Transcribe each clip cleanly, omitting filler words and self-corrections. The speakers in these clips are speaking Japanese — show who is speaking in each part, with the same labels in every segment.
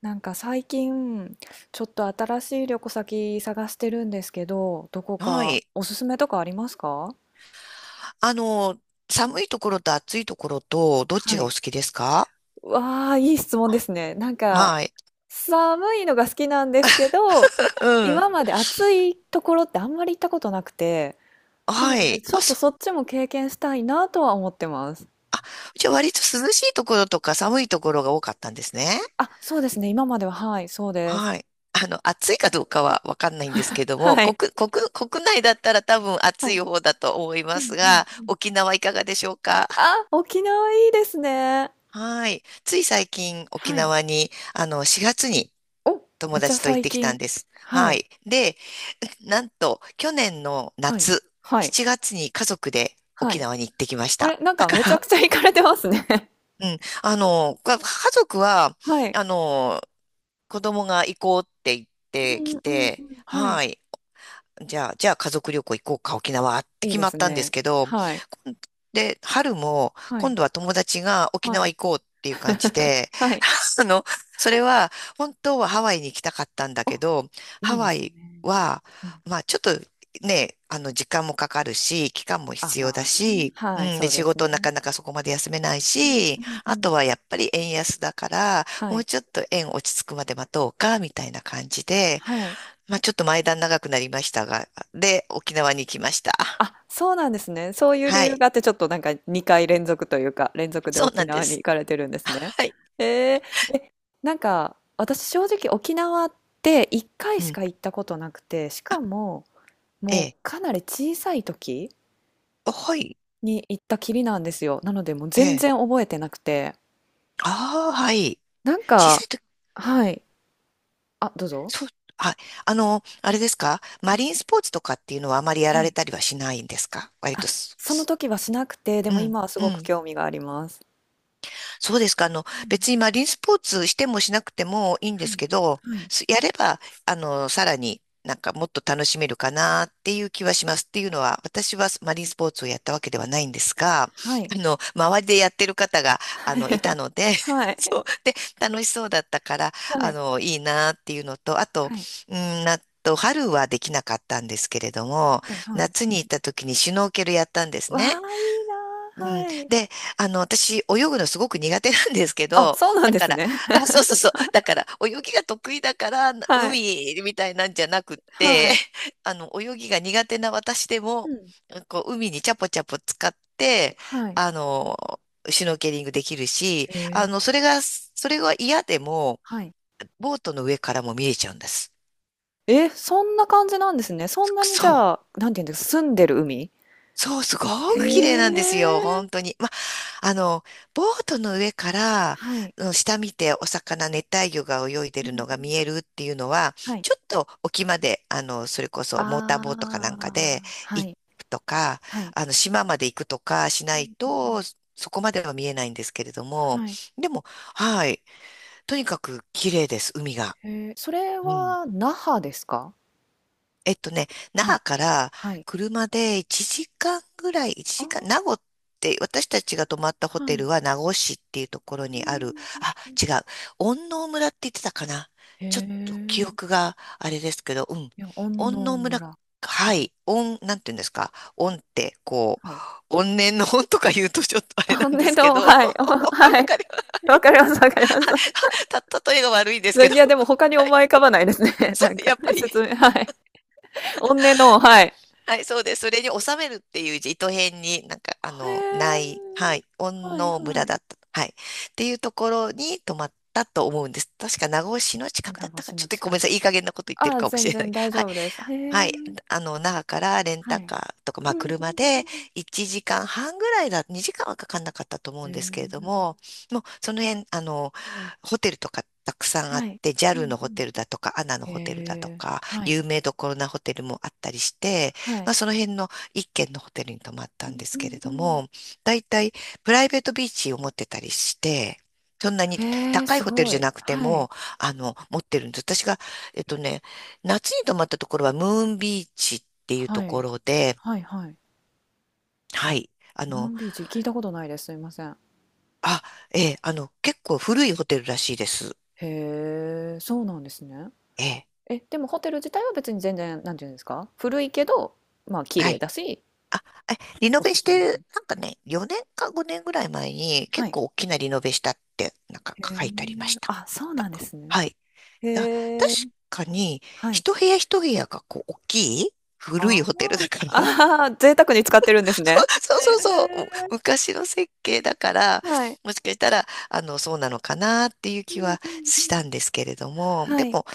Speaker 1: なんか最近、ちょっと新しい旅行先探してるんですけど、どこ
Speaker 2: は
Speaker 1: か
Speaker 2: い。
Speaker 1: おすすめとかありますか？
Speaker 2: あの、寒いところと暑いところと、どっち
Speaker 1: は
Speaker 2: がお
Speaker 1: い。
Speaker 2: 好きですか？
Speaker 1: わあ、いい質問ですね。なんか、
Speaker 2: はい。
Speaker 1: 寒いのが好きなんですけど、
Speaker 2: うん。
Speaker 1: 今まで暑いところってあんまり行ったことなくて、なの
Speaker 2: は
Speaker 1: で
Speaker 2: い。
Speaker 1: ちょ
Speaker 2: あ、
Speaker 1: っと
Speaker 2: そう。
Speaker 1: そっちも経験したいなとは思ってます。
Speaker 2: じゃあ割と涼しいところとか寒いところが多かったんですね。
Speaker 1: あ、そうですね。今までは、はい、そうです。
Speaker 2: はい。暑いかどうかはわかんないんですけども、
Speaker 1: はい。
Speaker 2: 国内だったら多分
Speaker 1: は
Speaker 2: 暑
Speaker 1: い。
Speaker 2: い方だと思い
Speaker 1: う
Speaker 2: ま
Speaker 1: ん
Speaker 2: す
Speaker 1: うん
Speaker 2: が、
Speaker 1: うん。
Speaker 2: 沖縄いかがでしょうか？
Speaker 1: あ、沖縄いいですね。
Speaker 2: はい。つい最近沖
Speaker 1: はい。
Speaker 2: 縄に、4月に
Speaker 1: お、め
Speaker 2: 友
Speaker 1: っちゃ
Speaker 2: 達と行っ
Speaker 1: 最
Speaker 2: てきた
Speaker 1: 近。
Speaker 2: んです。
Speaker 1: は
Speaker 2: は
Speaker 1: い。
Speaker 2: い。で、なんと、去年の
Speaker 1: はい。
Speaker 2: 夏、
Speaker 1: はい。
Speaker 2: 7月に家族で
Speaker 1: は
Speaker 2: 沖
Speaker 1: い。
Speaker 2: 縄に行ってきまし
Speaker 1: あ
Speaker 2: た。
Speaker 1: れ、なん
Speaker 2: だ
Speaker 1: か
Speaker 2: か
Speaker 1: めちゃく
Speaker 2: ら、
Speaker 1: ちゃ 行かれてますね。
Speaker 2: うん、家族は、
Speaker 1: はい。
Speaker 2: あの、子供が行こうって言っ
Speaker 1: う
Speaker 2: てき
Speaker 1: んうんう
Speaker 2: て、
Speaker 1: ん。はい。
Speaker 2: はい、じゃあ家族旅行行こうか、沖縄って
Speaker 1: いい
Speaker 2: 決
Speaker 1: で
Speaker 2: ま
Speaker 1: す
Speaker 2: ったんです
Speaker 1: ね。
Speaker 2: けど、
Speaker 1: はい。
Speaker 2: で、春も、
Speaker 1: は
Speaker 2: 今
Speaker 1: い。
Speaker 2: 度は友達が沖
Speaker 1: は
Speaker 2: 縄
Speaker 1: い。
Speaker 2: 行こうっていう感じ で、
Speaker 1: はい。
Speaker 2: あの、それは、本当はハワイに行きたかったんだ
Speaker 1: お、
Speaker 2: けど、
Speaker 1: い
Speaker 2: ハ
Speaker 1: いで
Speaker 2: ワ
Speaker 1: す
Speaker 2: イ
Speaker 1: ね。
Speaker 2: は、
Speaker 1: うん。
Speaker 2: まあ、ちょっとね、時間もかかるし、期間も
Speaker 1: あ、
Speaker 2: 必要
Speaker 1: ま
Speaker 2: だ
Speaker 1: あね。
Speaker 2: し、う
Speaker 1: はい、
Speaker 2: ん、
Speaker 1: そ
Speaker 2: で、
Speaker 1: う
Speaker 2: 仕
Speaker 1: です
Speaker 2: 事な
Speaker 1: ね。
Speaker 2: かなかそこまで休めない
Speaker 1: うんう
Speaker 2: し、
Speaker 1: んう
Speaker 2: あ
Speaker 1: ん。
Speaker 2: とはやっぱり円安だから、
Speaker 1: は
Speaker 2: もう
Speaker 1: い。
Speaker 2: ちょっと円落ち着くまで待とうか、みたいな感じで、
Speaker 1: はい。
Speaker 2: まあ、ちょっと前段長くなりましたが、で、沖縄に行きました。
Speaker 1: あ、そうなんですね。そういう理
Speaker 2: は
Speaker 1: 由
Speaker 2: い。
Speaker 1: があって、ちょっとなんか2回連続というか、連続で
Speaker 2: そう
Speaker 1: 沖
Speaker 2: なんで
Speaker 1: 縄に行
Speaker 2: す。
Speaker 1: かれてるんですね。
Speaker 2: はい。
Speaker 1: えーなんか、私正直沖縄って1回
Speaker 2: う
Speaker 1: し
Speaker 2: ん。
Speaker 1: か行ったことなくて、しかも
Speaker 2: え
Speaker 1: もう
Speaker 2: え。
Speaker 1: かなり小さい時
Speaker 2: あはい。
Speaker 1: に行ったきりなんですよ。なのでもう
Speaker 2: え
Speaker 1: 全然
Speaker 2: え。
Speaker 1: 覚えてなくて。
Speaker 2: ああ、はい。
Speaker 1: なん
Speaker 2: 小さ
Speaker 1: か、
Speaker 2: い時、
Speaker 1: はい。あ、どうぞ。
Speaker 2: そう、はい。あれですか？マリンスポーツとかっていうのはあまりや
Speaker 1: は
Speaker 2: られ
Speaker 1: い。
Speaker 2: たりはしないんですか？割と
Speaker 1: あ、
Speaker 2: す、
Speaker 1: その
Speaker 2: す
Speaker 1: 時はしなくて、で
Speaker 2: う
Speaker 1: も
Speaker 2: ん、
Speaker 1: 今はす
Speaker 2: う
Speaker 1: ごく
Speaker 2: ん。
Speaker 1: 興味があります。
Speaker 2: そうですか。
Speaker 1: うん、
Speaker 2: 別にマリンスポーツしてもしなくてもいいんで
Speaker 1: は
Speaker 2: す
Speaker 1: い。
Speaker 2: けど、
Speaker 1: はい。
Speaker 2: やれば、さらになんかもっと楽しめるかなっていう気はします。っていうのは、私はマリンスポーツをやったわけではないんですが、
Speaker 1: はい。
Speaker 2: 周りでやってる方が、いた ので、
Speaker 1: は い。
Speaker 2: そう。で、楽しそうだったから、
Speaker 1: はい。
Speaker 2: いいなっていうのと、あと、
Speaker 1: はい。
Speaker 2: うん、あと、春はできなかったんですけれども、
Speaker 1: はい。はい。
Speaker 2: 夏に行った時にシュノーケルやったんです
Speaker 1: わあ、
Speaker 2: ね。
Speaker 1: いいな
Speaker 2: う
Speaker 1: あ、
Speaker 2: ん。
Speaker 1: はい。
Speaker 2: で、私、泳ぐのすごく苦手なんですけ
Speaker 1: あ、
Speaker 2: ど、
Speaker 1: そうなん
Speaker 2: だ
Speaker 1: で
Speaker 2: か
Speaker 1: す
Speaker 2: ら、
Speaker 1: ね。
Speaker 2: あ、そうそうそう、だから、泳ぎが得意だから、
Speaker 1: はい。
Speaker 2: 海みたいなんじゃなくっ
Speaker 1: は
Speaker 2: て、
Speaker 1: い。
Speaker 2: 泳ぎが苦手な私で
Speaker 1: う
Speaker 2: も、
Speaker 1: ん。
Speaker 2: こう、海にチャポチャポ使って、
Speaker 1: はい。
Speaker 2: あの、シュノーケリングできるし、
Speaker 1: へえ。
Speaker 2: それが嫌でも、
Speaker 1: はい。
Speaker 2: ボートの上からも見えちゃうんです。
Speaker 1: え、そんな感じなんですね。そんなにじ
Speaker 2: そ
Speaker 1: ゃ
Speaker 2: う。
Speaker 1: あ、なんて言うんですか、澄んでる海？
Speaker 2: そう、すご
Speaker 1: え
Speaker 2: く綺麗なんですよ、
Speaker 1: え。
Speaker 2: 本当に。ま、あの、ボートの上から、
Speaker 1: はい。
Speaker 2: うん、下見てお魚、熱帯魚が泳いで
Speaker 1: うん
Speaker 2: るのが
Speaker 1: うん。
Speaker 2: 見えるっていうのは、
Speaker 1: はい。
Speaker 2: ちょっと沖まで、それこそモーター
Speaker 1: あ
Speaker 2: ボートかなんかで
Speaker 1: あ、は
Speaker 2: 行
Speaker 1: い、
Speaker 2: くとか、
Speaker 1: はい。
Speaker 2: 島まで行くとかし
Speaker 1: う
Speaker 2: ない
Speaker 1: んうん。
Speaker 2: と、そこまでは見えないんですけれども、
Speaker 1: はい。
Speaker 2: でも、はい、とにかく綺麗です、海が。
Speaker 1: へえ、それ
Speaker 2: うん。
Speaker 1: は那覇ですか？
Speaker 2: えっとね、那
Speaker 1: は
Speaker 2: 覇
Speaker 1: い。
Speaker 2: から
Speaker 1: はい。
Speaker 2: 車で1時間ぐらい、1
Speaker 1: あ
Speaker 2: 時間、名護
Speaker 1: あ、
Speaker 2: って、私たちが泊まったホ
Speaker 1: は
Speaker 2: テ
Speaker 1: い。
Speaker 2: ルは名護市っていうところ
Speaker 1: うん、
Speaker 2: にある、
Speaker 1: うん
Speaker 2: あ、
Speaker 1: うん。
Speaker 2: 違う、恩納村って言ってたかな。
Speaker 1: へ
Speaker 2: ちょっと記
Speaker 1: え、
Speaker 2: 憶があれですけど、うん。
Speaker 1: いや、安
Speaker 2: 恩
Speaker 1: 納
Speaker 2: 納村、
Speaker 1: 村。
Speaker 2: は
Speaker 1: はい、
Speaker 2: い、恩、なんて言うんですか。恩って、こ
Speaker 1: はい。
Speaker 2: う、怨念の恩とか言うとちょっとあれ
Speaker 1: あ、
Speaker 2: なんで
Speaker 1: ね、
Speaker 2: す
Speaker 1: ど
Speaker 2: け
Speaker 1: うも
Speaker 2: ど、わ
Speaker 1: はい、おはい。
Speaker 2: かります。は
Speaker 1: わ
Speaker 2: い。
Speaker 1: かりますわかります。
Speaker 2: た、例えが悪いんですけ
Speaker 1: で、い
Speaker 2: ど。
Speaker 1: や、でも他に
Speaker 2: はい。
Speaker 1: 思い浮かばないです ね、
Speaker 2: そ
Speaker 1: なん
Speaker 2: う、
Speaker 1: か、
Speaker 2: やっぱり、
Speaker 1: 説明はい。おんねの、はい。
Speaker 2: はい、そうです。それに収めるっていう字、糸辺に、なんか、
Speaker 1: へ
Speaker 2: な
Speaker 1: え。
Speaker 2: い、はい、恩
Speaker 1: はい
Speaker 2: 納村
Speaker 1: はい。
Speaker 2: だった。はい。っていうところに泊まったと思うんです。確か名護市の近
Speaker 1: 米
Speaker 2: くだっ
Speaker 1: 子
Speaker 2: たか、
Speaker 1: 市
Speaker 2: ちょ
Speaker 1: の
Speaker 2: っとごめん
Speaker 1: 近
Speaker 2: なさい。
Speaker 1: く。
Speaker 2: いい加減なこと言って
Speaker 1: あ
Speaker 2: る
Speaker 1: あ、
Speaker 2: かもし
Speaker 1: 全
Speaker 2: れな
Speaker 1: 然
Speaker 2: い。
Speaker 1: 大
Speaker 2: はい。
Speaker 1: 丈夫です。へ
Speaker 2: は
Speaker 1: え。
Speaker 2: い。那覇からレン
Speaker 1: は
Speaker 2: タ
Speaker 1: い。
Speaker 2: カーとか、ま
Speaker 1: う
Speaker 2: あ、
Speaker 1: んうん
Speaker 2: 車で
Speaker 1: う
Speaker 2: 1時間半ぐらいだ、2時間はかかんなかったと思
Speaker 1: ん。
Speaker 2: う
Speaker 1: へ
Speaker 2: んですけれど
Speaker 1: え。
Speaker 2: も、もうその辺、ホテルとかたくさんあ
Speaker 1: は
Speaker 2: っ
Speaker 1: い。
Speaker 2: て、ジャ
Speaker 1: う
Speaker 2: ル
Speaker 1: ん
Speaker 2: の
Speaker 1: う
Speaker 2: ホテ
Speaker 1: ん。
Speaker 2: ルだとか、アナのホテルだと
Speaker 1: へえ。
Speaker 2: か、
Speaker 1: はい。
Speaker 2: 有名どころなホテルもあったりして、
Speaker 1: は
Speaker 2: ま
Speaker 1: い。
Speaker 2: あ、その辺の一軒のホテルに泊まっ
Speaker 1: う
Speaker 2: たん
Speaker 1: ん
Speaker 2: で
Speaker 1: う
Speaker 2: すけ
Speaker 1: ん
Speaker 2: れ
Speaker 1: う
Speaker 2: ど
Speaker 1: ん。
Speaker 2: も、だいたいプライベートビーチを持ってたりして、そんなに
Speaker 1: へえ、
Speaker 2: 高い
Speaker 1: す
Speaker 2: ホテル
Speaker 1: ご
Speaker 2: じゃ
Speaker 1: い。
Speaker 2: なくて
Speaker 1: は
Speaker 2: も、
Speaker 1: い。
Speaker 2: 持ってるんです。私が、えっとね、夏に泊まったところはムーンビーチっていうと
Speaker 1: は
Speaker 2: こ
Speaker 1: い。
Speaker 2: ろで、
Speaker 1: はいはい。
Speaker 2: はい。あ
Speaker 1: ムー
Speaker 2: の、
Speaker 1: ンビーチ、聞いたことないです。すいません。
Speaker 2: あ、ええ、結構古いホテルらしいです。
Speaker 1: へえ、そうなんですね。
Speaker 2: ええ、
Speaker 1: え、でもホテル自体は別に全然、なんていうんですか、古いけど、まあ、綺
Speaker 2: は
Speaker 1: 麗
Speaker 2: い。
Speaker 1: だし、
Speaker 2: あ、え、リノ
Speaker 1: お
Speaker 2: ベ
Speaker 1: す
Speaker 2: し
Speaker 1: すめとか
Speaker 2: て、
Speaker 1: に
Speaker 2: なんかね、4年か5年ぐらい前に
Speaker 1: は
Speaker 2: 結
Speaker 1: い。
Speaker 2: 構大きなリノベしたって、なんか
Speaker 1: へえ。
Speaker 2: 書いてありました。
Speaker 1: あ、そう
Speaker 2: なん
Speaker 1: なんで
Speaker 2: か、
Speaker 1: すね。
Speaker 2: はい。だ、確
Speaker 1: へえ。
Speaker 2: かに、
Speaker 1: はい。
Speaker 2: 一部屋一部屋がこう、大きい古
Speaker 1: ああ。
Speaker 2: いホテルだか ら、
Speaker 1: ああ、贅沢に使ってるん
Speaker 2: そう。
Speaker 1: ですね。
Speaker 2: そうそうそ
Speaker 1: へ
Speaker 2: う、昔の設計だから、
Speaker 1: え、はい。
Speaker 2: もしかしたら、そうなのかなっていう
Speaker 1: う
Speaker 2: 気
Speaker 1: んうん
Speaker 2: は
Speaker 1: う
Speaker 2: したんで
Speaker 1: ん。
Speaker 2: すけれども、
Speaker 1: は
Speaker 2: で
Speaker 1: い。
Speaker 2: も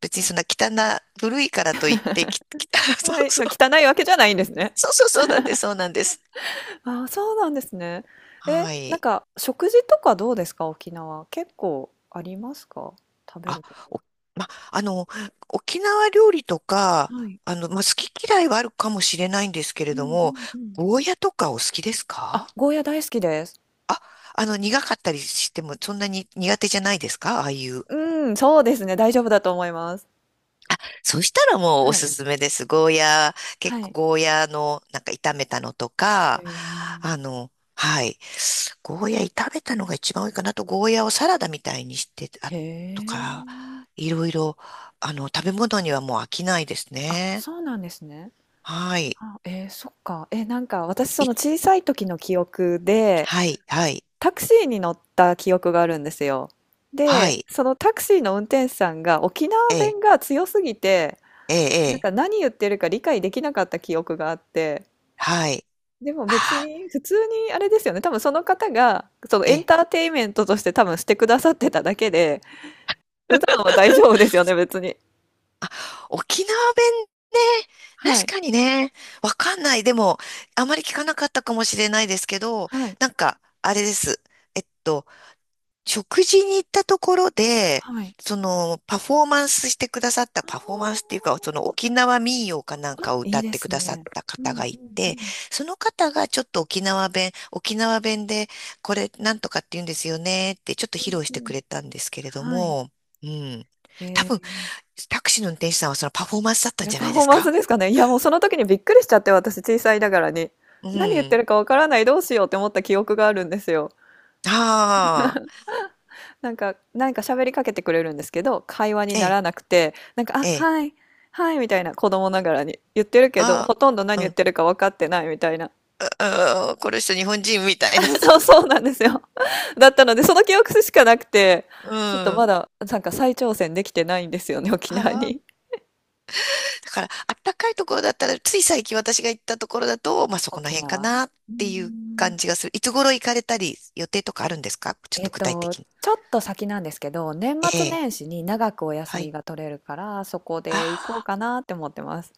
Speaker 2: 別にそんな汚な、古いからといって、そ
Speaker 1: は
Speaker 2: う
Speaker 1: い、
Speaker 2: そう、
Speaker 1: 汚いわけじゃないんですね。
Speaker 2: そうそう、そうなんです、そうなんです。
Speaker 1: ああ、そうなんですね。え、
Speaker 2: は
Speaker 1: なん
Speaker 2: い。
Speaker 1: か食事とかどうですか？沖縄。結構ありますか？食べ
Speaker 2: あ、
Speaker 1: るとこ。
Speaker 2: お、ま、沖縄料理とか、
Speaker 1: はい。
Speaker 2: ま、好き嫌いはあるかもしれないんですけ
Speaker 1: う
Speaker 2: れど
Speaker 1: んう
Speaker 2: も、
Speaker 1: んうん。
Speaker 2: ゴーヤとかお好きですか？
Speaker 1: あ、ゴーヤ大好きです。
Speaker 2: 苦かったりしても、そんなに苦手じゃないですか？ああいう
Speaker 1: うん、そうですね、大丈夫だと思います。
Speaker 2: そしたらもうお
Speaker 1: はい。
Speaker 2: すすめです。ゴーヤー、
Speaker 1: は
Speaker 2: 結構
Speaker 1: い。
Speaker 2: ゴーヤーのなんか炒めたのと
Speaker 1: へ
Speaker 2: か、
Speaker 1: え。
Speaker 2: はい。ゴーヤー炒めたのが一番多いかなと、ゴーヤーをサラダみたいにして、
Speaker 1: へ
Speaker 2: あ、と
Speaker 1: え。
Speaker 2: か、いろいろ、食べ物にはもう飽きないです
Speaker 1: あ、
Speaker 2: ね。
Speaker 1: そうなんですね。
Speaker 2: はい。
Speaker 1: あ、えーそっか。え、なんか私その
Speaker 2: い、
Speaker 1: 小さい時の記憶で、
Speaker 2: はい、はい、
Speaker 1: タクシーに乗った記憶があるんですよ。
Speaker 2: は
Speaker 1: で、
Speaker 2: い、
Speaker 1: そのタクシーの運転手さんが沖縄
Speaker 2: ええ、
Speaker 1: 弁が強すぎて、
Speaker 2: え
Speaker 1: なん
Speaker 2: え、え
Speaker 1: か
Speaker 2: え。
Speaker 1: 何言ってるか理解できなかった記憶があって、
Speaker 2: はい。
Speaker 1: でも別
Speaker 2: ああ、
Speaker 1: に普通にあれですよね、多分その方がそのエ
Speaker 2: え
Speaker 1: ン
Speaker 2: え、
Speaker 1: ターテインメントとして多分してくださってただけで、普段は大丈夫ですよね、別に。
Speaker 2: 沖縄弁ね、
Speaker 1: はい、
Speaker 2: 確かにね、わかんない。でも、あまり聞かなかったかもしれないですけど、
Speaker 1: はい、
Speaker 2: なんか、あれです。えっと、食事に行ったところで、
Speaker 1: はい。
Speaker 2: その、パフォーマンスしてくださった、
Speaker 1: あ
Speaker 2: パフォーマンスっていう
Speaker 1: あ。
Speaker 2: か、その沖縄民謡かなん
Speaker 1: あ、
Speaker 2: かを
Speaker 1: い
Speaker 2: 歌
Speaker 1: い
Speaker 2: っ
Speaker 1: で
Speaker 2: てく
Speaker 1: す
Speaker 2: ださっ
Speaker 1: ね。
Speaker 2: た
Speaker 1: う
Speaker 2: 方
Speaker 1: ん
Speaker 2: が
Speaker 1: う
Speaker 2: い
Speaker 1: んう
Speaker 2: て、
Speaker 1: ん。
Speaker 2: その方がちょっと沖縄弁、沖縄弁で、これなんとかって言うんですよねって、ちょっと披露し
Speaker 1: う
Speaker 2: て
Speaker 1: んう
Speaker 2: く
Speaker 1: ん。
Speaker 2: れたんですけれど
Speaker 1: はい。
Speaker 2: も、うん。
Speaker 1: へ
Speaker 2: 多分
Speaker 1: え。
Speaker 2: タクシーの運転手さんはそのパフォーマンスだったん
Speaker 1: え、
Speaker 2: じゃな
Speaker 1: パ
Speaker 2: い
Speaker 1: フ
Speaker 2: で
Speaker 1: ォー
Speaker 2: す
Speaker 1: マンス
Speaker 2: か？
Speaker 1: ですかね？いや、もうその時にびっくりしちゃって、私、小さいながらに。
Speaker 2: う
Speaker 1: 何言って
Speaker 2: ん。
Speaker 1: るかわからない、どうしようって思った記憶があるんですよ。
Speaker 2: ああ、
Speaker 1: なんか喋りかけてくれるんですけど、会話に
Speaker 2: え
Speaker 1: な
Speaker 2: え、
Speaker 1: らなくて、なんか、「あ、
Speaker 2: ええ、
Speaker 1: はい、はい」みたいな、子供ながらに。言ってるけど、
Speaker 2: あ
Speaker 1: ほとんど何
Speaker 2: あ、
Speaker 1: 言
Speaker 2: う
Speaker 1: っ
Speaker 2: ん、
Speaker 1: てるか分かってないみたいな。
Speaker 2: ああ、この人日本人みたいな。
Speaker 1: そうそうなんですよ。だったので、その記憶しかなくて、
Speaker 2: う
Speaker 1: ちょっとま
Speaker 2: ん。
Speaker 1: だ、なんか再挑戦できてないんですよね、沖縄
Speaker 2: ああ、
Speaker 1: に。
Speaker 2: だから、あったかいところだったら、つい最近私が行ったところだと、まあそこの
Speaker 1: 沖
Speaker 2: 辺か
Speaker 1: 縄。う
Speaker 2: なっ
Speaker 1: ー
Speaker 2: ていう
Speaker 1: ん。
Speaker 2: 感じがする。いつ頃行かれたり、予定とかあるんですか、ちょっ
Speaker 1: え
Speaker 2: と
Speaker 1: っ
Speaker 2: 具体
Speaker 1: と、
Speaker 2: 的に。
Speaker 1: ちょっと先なんですけど、年
Speaker 2: え
Speaker 1: 末
Speaker 2: え、
Speaker 1: 年始に長くお休
Speaker 2: は
Speaker 1: み
Speaker 2: い。
Speaker 1: が取れるから、そこで行こう
Speaker 2: あ
Speaker 1: かなって思ってます。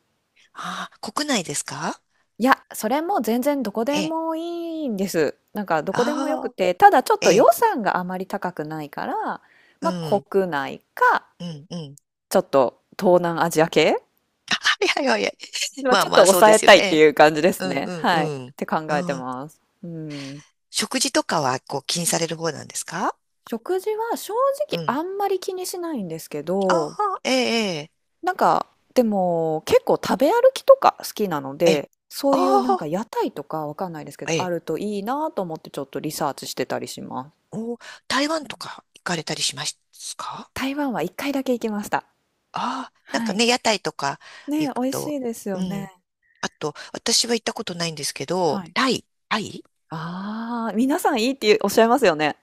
Speaker 2: あ、ああ、国内ですか？
Speaker 1: いや、それも全然どこ
Speaker 2: え
Speaker 1: で
Speaker 2: え、
Speaker 1: もいいんです。なんかどこでもよく
Speaker 2: ああ、
Speaker 1: て、ただちょっ
Speaker 2: え
Speaker 1: と予
Speaker 2: え、
Speaker 1: 算があまり高くないから、
Speaker 2: う
Speaker 1: まあ
Speaker 2: ん、
Speaker 1: 国内か、
Speaker 2: うん、うん。
Speaker 1: ちょっと東南アジア系、
Speaker 2: はいはいはいはい。
Speaker 1: まあ、
Speaker 2: まあ
Speaker 1: ちょっ
Speaker 2: ま
Speaker 1: と
Speaker 2: あ、そう
Speaker 1: 抑
Speaker 2: で
Speaker 1: え
Speaker 2: すよ
Speaker 1: たいって
Speaker 2: ね。
Speaker 1: いう感じで
Speaker 2: う
Speaker 1: す
Speaker 2: ん
Speaker 1: ね。
Speaker 2: うんう
Speaker 1: はい。っ
Speaker 2: ん。
Speaker 1: て考えて
Speaker 2: あー
Speaker 1: ます。うん。
Speaker 2: 食事とかはこう気にされる方なんですか？
Speaker 1: 食事は正
Speaker 2: う
Speaker 1: 直
Speaker 2: ん。
Speaker 1: あんまり気にしないんですけ
Speaker 2: あ
Speaker 1: ど、
Speaker 2: あ、ええ、
Speaker 1: なんか、でも、結構食べ歩きとか好きなの
Speaker 2: ええ、ええ。
Speaker 1: で、そういうなんか
Speaker 2: あ
Speaker 1: 屋台とかわかんないですけ
Speaker 2: あ、
Speaker 1: ど、
Speaker 2: え
Speaker 1: あ
Speaker 2: え。
Speaker 1: るといいなと思ってちょっとリサーチしてたりします。
Speaker 2: お台
Speaker 1: う
Speaker 2: 湾
Speaker 1: ん、
Speaker 2: とか行かれたりしますか？
Speaker 1: 台湾は一回だけ行きました。
Speaker 2: ああ、なん
Speaker 1: は
Speaker 2: か
Speaker 1: い。
Speaker 2: ね、屋台とか
Speaker 1: ね、
Speaker 2: 行
Speaker 1: 美
Speaker 2: く
Speaker 1: 味し
Speaker 2: と、
Speaker 1: いです
Speaker 2: う
Speaker 1: よね。
Speaker 2: ん。あと、私は行ったことないんですけど、
Speaker 1: はい。
Speaker 2: タイ。
Speaker 1: ああ、皆さんいいっておっしゃいますよね。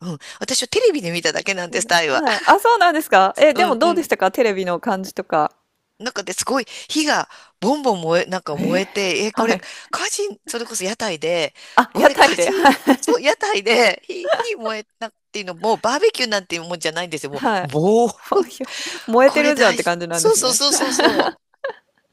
Speaker 2: うん。私はテレビで見ただけなん
Speaker 1: う
Speaker 2: です、
Speaker 1: ん
Speaker 2: タイは。
Speaker 1: はい。あ、そうなんですか。え、
Speaker 2: う
Speaker 1: でも
Speaker 2: ん
Speaker 1: ど
Speaker 2: う
Speaker 1: うでし
Speaker 2: ん。
Speaker 1: たかテレビの感じとか。
Speaker 2: なんかですごい火がボンボン燃え、なんか
Speaker 1: え
Speaker 2: 燃えて、え、こ
Speaker 1: は
Speaker 2: れ
Speaker 1: い。
Speaker 2: 火事、それこそ屋台で、
Speaker 1: あ、
Speaker 2: こ
Speaker 1: 屋
Speaker 2: れ
Speaker 1: 台
Speaker 2: 火
Speaker 1: で。
Speaker 2: 事、
Speaker 1: はい。
Speaker 2: そう、屋台で火燃えなっていうのも、バーベキューなんていうもんじゃないんですよ。も
Speaker 1: は
Speaker 2: う、
Speaker 1: い。
Speaker 2: ぼー、
Speaker 1: ほひょ燃えて
Speaker 2: これ
Speaker 1: るじゃんっ
Speaker 2: 大
Speaker 1: て
Speaker 2: 事。
Speaker 1: 感じなんで
Speaker 2: そう
Speaker 1: す
Speaker 2: そう
Speaker 1: ね。
Speaker 2: そうそうそ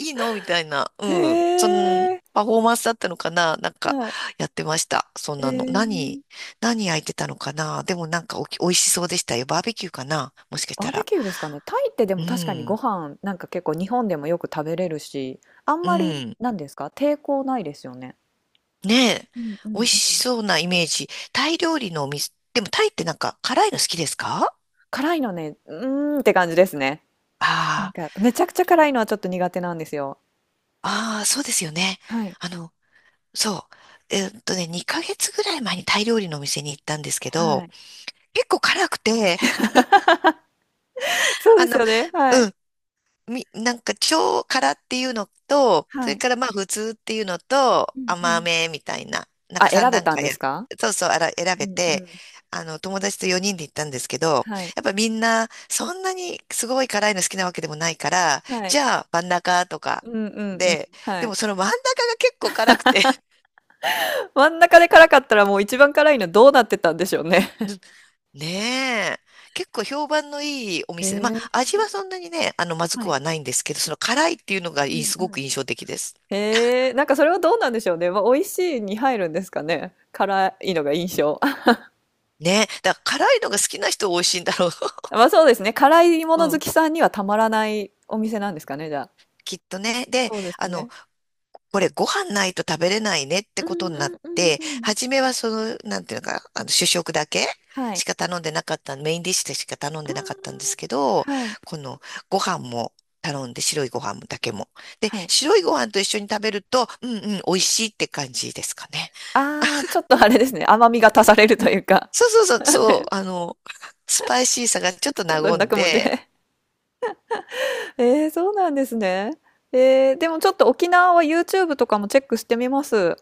Speaker 2: う。いいのみたいな。うん。
Speaker 1: へ
Speaker 2: その、
Speaker 1: え。
Speaker 2: パフォーマンスだったのかな、なんか、
Speaker 1: はい。
Speaker 2: やってました。そん
Speaker 1: え
Speaker 2: なの。何、
Speaker 1: ー、
Speaker 2: 何焼いてたのかな、でもなんか美味しそうでしたよ。バーベキューかな、もしかし
Speaker 1: バ
Speaker 2: た
Speaker 1: ーベ
Speaker 2: ら。
Speaker 1: キューですかね。タイってで
Speaker 2: う
Speaker 1: も確かにご
Speaker 2: ん。
Speaker 1: 飯なんか結構日本でもよく食べれるし、あん
Speaker 2: う
Speaker 1: まり
Speaker 2: ん。
Speaker 1: なんですか、抵抗ないですよね。
Speaker 2: ねえ、
Speaker 1: うんうん
Speaker 2: 美味
Speaker 1: う
Speaker 2: し
Speaker 1: ん。
Speaker 2: そうなイメージ。タイ料理のお店、でもタイってなんか辛いの好きですか？
Speaker 1: 辛いのね、うーんって感じですね。なん
Speaker 2: あ
Speaker 1: かめちゃくちゃ辛いのはちょっと苦手なんですよ。
Speaker 2: あ、ああ、そうですよね。
Speaker 1: はい。
Speaker 2: あの、そう。2ヶ月ぐらい前にタイ料理のお店に行ったんですけど、
Speaker 1: はい。
Speaker 2: 結構辛くて、
Speaker 1: そ う
Speaker 2: あ
Speaker 1: です
Speaker 2: の、
Speaker 1: よね、はい。
Speaker 2: うん、なんか超辛っていうのと、そ
Speaker 1: は
Speaker 2: れ
Speaker 1: い。
Speaker 2: からまあ普通っていうのと
Speaker 1: うんう
Speaker 2: 甘
Speaker 1: ん。
Speaker 2: めみたいな、なん
Speaker 1: あ、
Speaker 2: か3
Speaker 1: 選べ
Speaker 2: 段
Speaker 1: たん
Speaker 2: 階
Speaker 1: で
Speaker 2: や、
Speaker 1: すか？
Speaker 2: そうそう、あら、選
Speaker 1: う
Speaker 2: べ
Speaker 1: んう
Speaker 2: て、
Speaker 1: ん。
Speaker 2: 友達と4人で行ったんですけど、
Speaker 1: はい。
Speaker 2: やっぱみんなそんなにすごい辛いの好きなわけでもないから、
Speaker 1: はい。
Speaker 2: じゃあ真ん中とか
Speaker 1: うんうんうん。
Speaker 2: で、
Speaker 1: は
Speaker 2: で
Speaker 1: い。
Speaker 2: もその真ん中が結構辛くて。
Speaker 1: 真ん中で辛かったらもう一番辛いのどうなってたんでしょうね。
Speaker 2: ねえ、結構評判のいいお
Speaker 1: へ
Speaker 2: 店で、ま
Speaker 1: え、
Speaker 2: あ味はそんなにね、まず
Speaker 1: は
Speaker 2: く
Speaker 1: い。
Speaker 2: はないんですけど、その辛いっていうのが
Speaker 1: う
Speaker 2: いい、
Speaker 1: ん
Speaker 2: す
Speaker 1: う
Speaker 2: ごく
Speaker 1: ん。
Speaker 2: 印象的です。
Speaker 1: へえ、なんかそれはどうなんでしょうね。まあ、美味しいに入るんですかね。辛いのが印象。
Speaker 2: ね。だから辛いのが好きな人は美味しいんだろう。
Speaker 1: まあそうですね。辛いも
Speaker 2: う
Speaker 1: の好
Speaker 2: ん。
Speaker 1: きさんにはたまらないお店なんですかね、じゃあ。
Speaker 2: きっとね。で、
Speaker 1: そうです
Speaker 2: あの、
Speaker 1: ね。
Speaker 2: これご飯ないと食べれないねって
Speaker 1: う
Speaker 2: こと
Speaker 1: ん
Speaker 2: に
Speaker 1: う
Speaker 2: なっ
Speaker 1: んうん
Speaker 2: て、
Speaker 1: うん。
Speaker 2: 初めはその、なんていうのか、主食だけ
Speaker 1: は
Speaker 2: し
Speaker 1: い。
Speaker 2: か頼んでなかった、メインディッシュでしか頼んでなかったんです
Speaker 1: あ
Speaker 2: けど、
Speaker 1: ーはい、
Speaker 2: このご飯も頼んで、白いご飯だけも。で、
Speaker 1: はい。
Speaker 2: 白いご飯と一緒に食べると、うんうん、美味しいって感じですかね。
Speaker 1: ああ、ちょっとあれですね、甘みが足されるというか。
Speaker 2: そうそうそう、そう、
Speaker 1: ね、
Speaker 2: スパイシーさがちょっと
Speaker 1: ちょっと
Speaker 2: 和
Speaker 1: 泣
Speaker 2: ん
Speaker 1: くもんで。
Speaker 2: で、
Speaker 1: ええ、そうなんですね。ええ、でもちょっと沖縄は YouTube とかもチェックしてみます。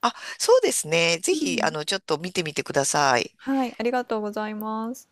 Speaker 2: あ、そうですね。ぜ
Speaker 1: う
Speaker 2: ひ、
Speaker 1: ん。
Speaker 2: ちょっと見てみてください。
Speaker 1: はい、ありがとうございます。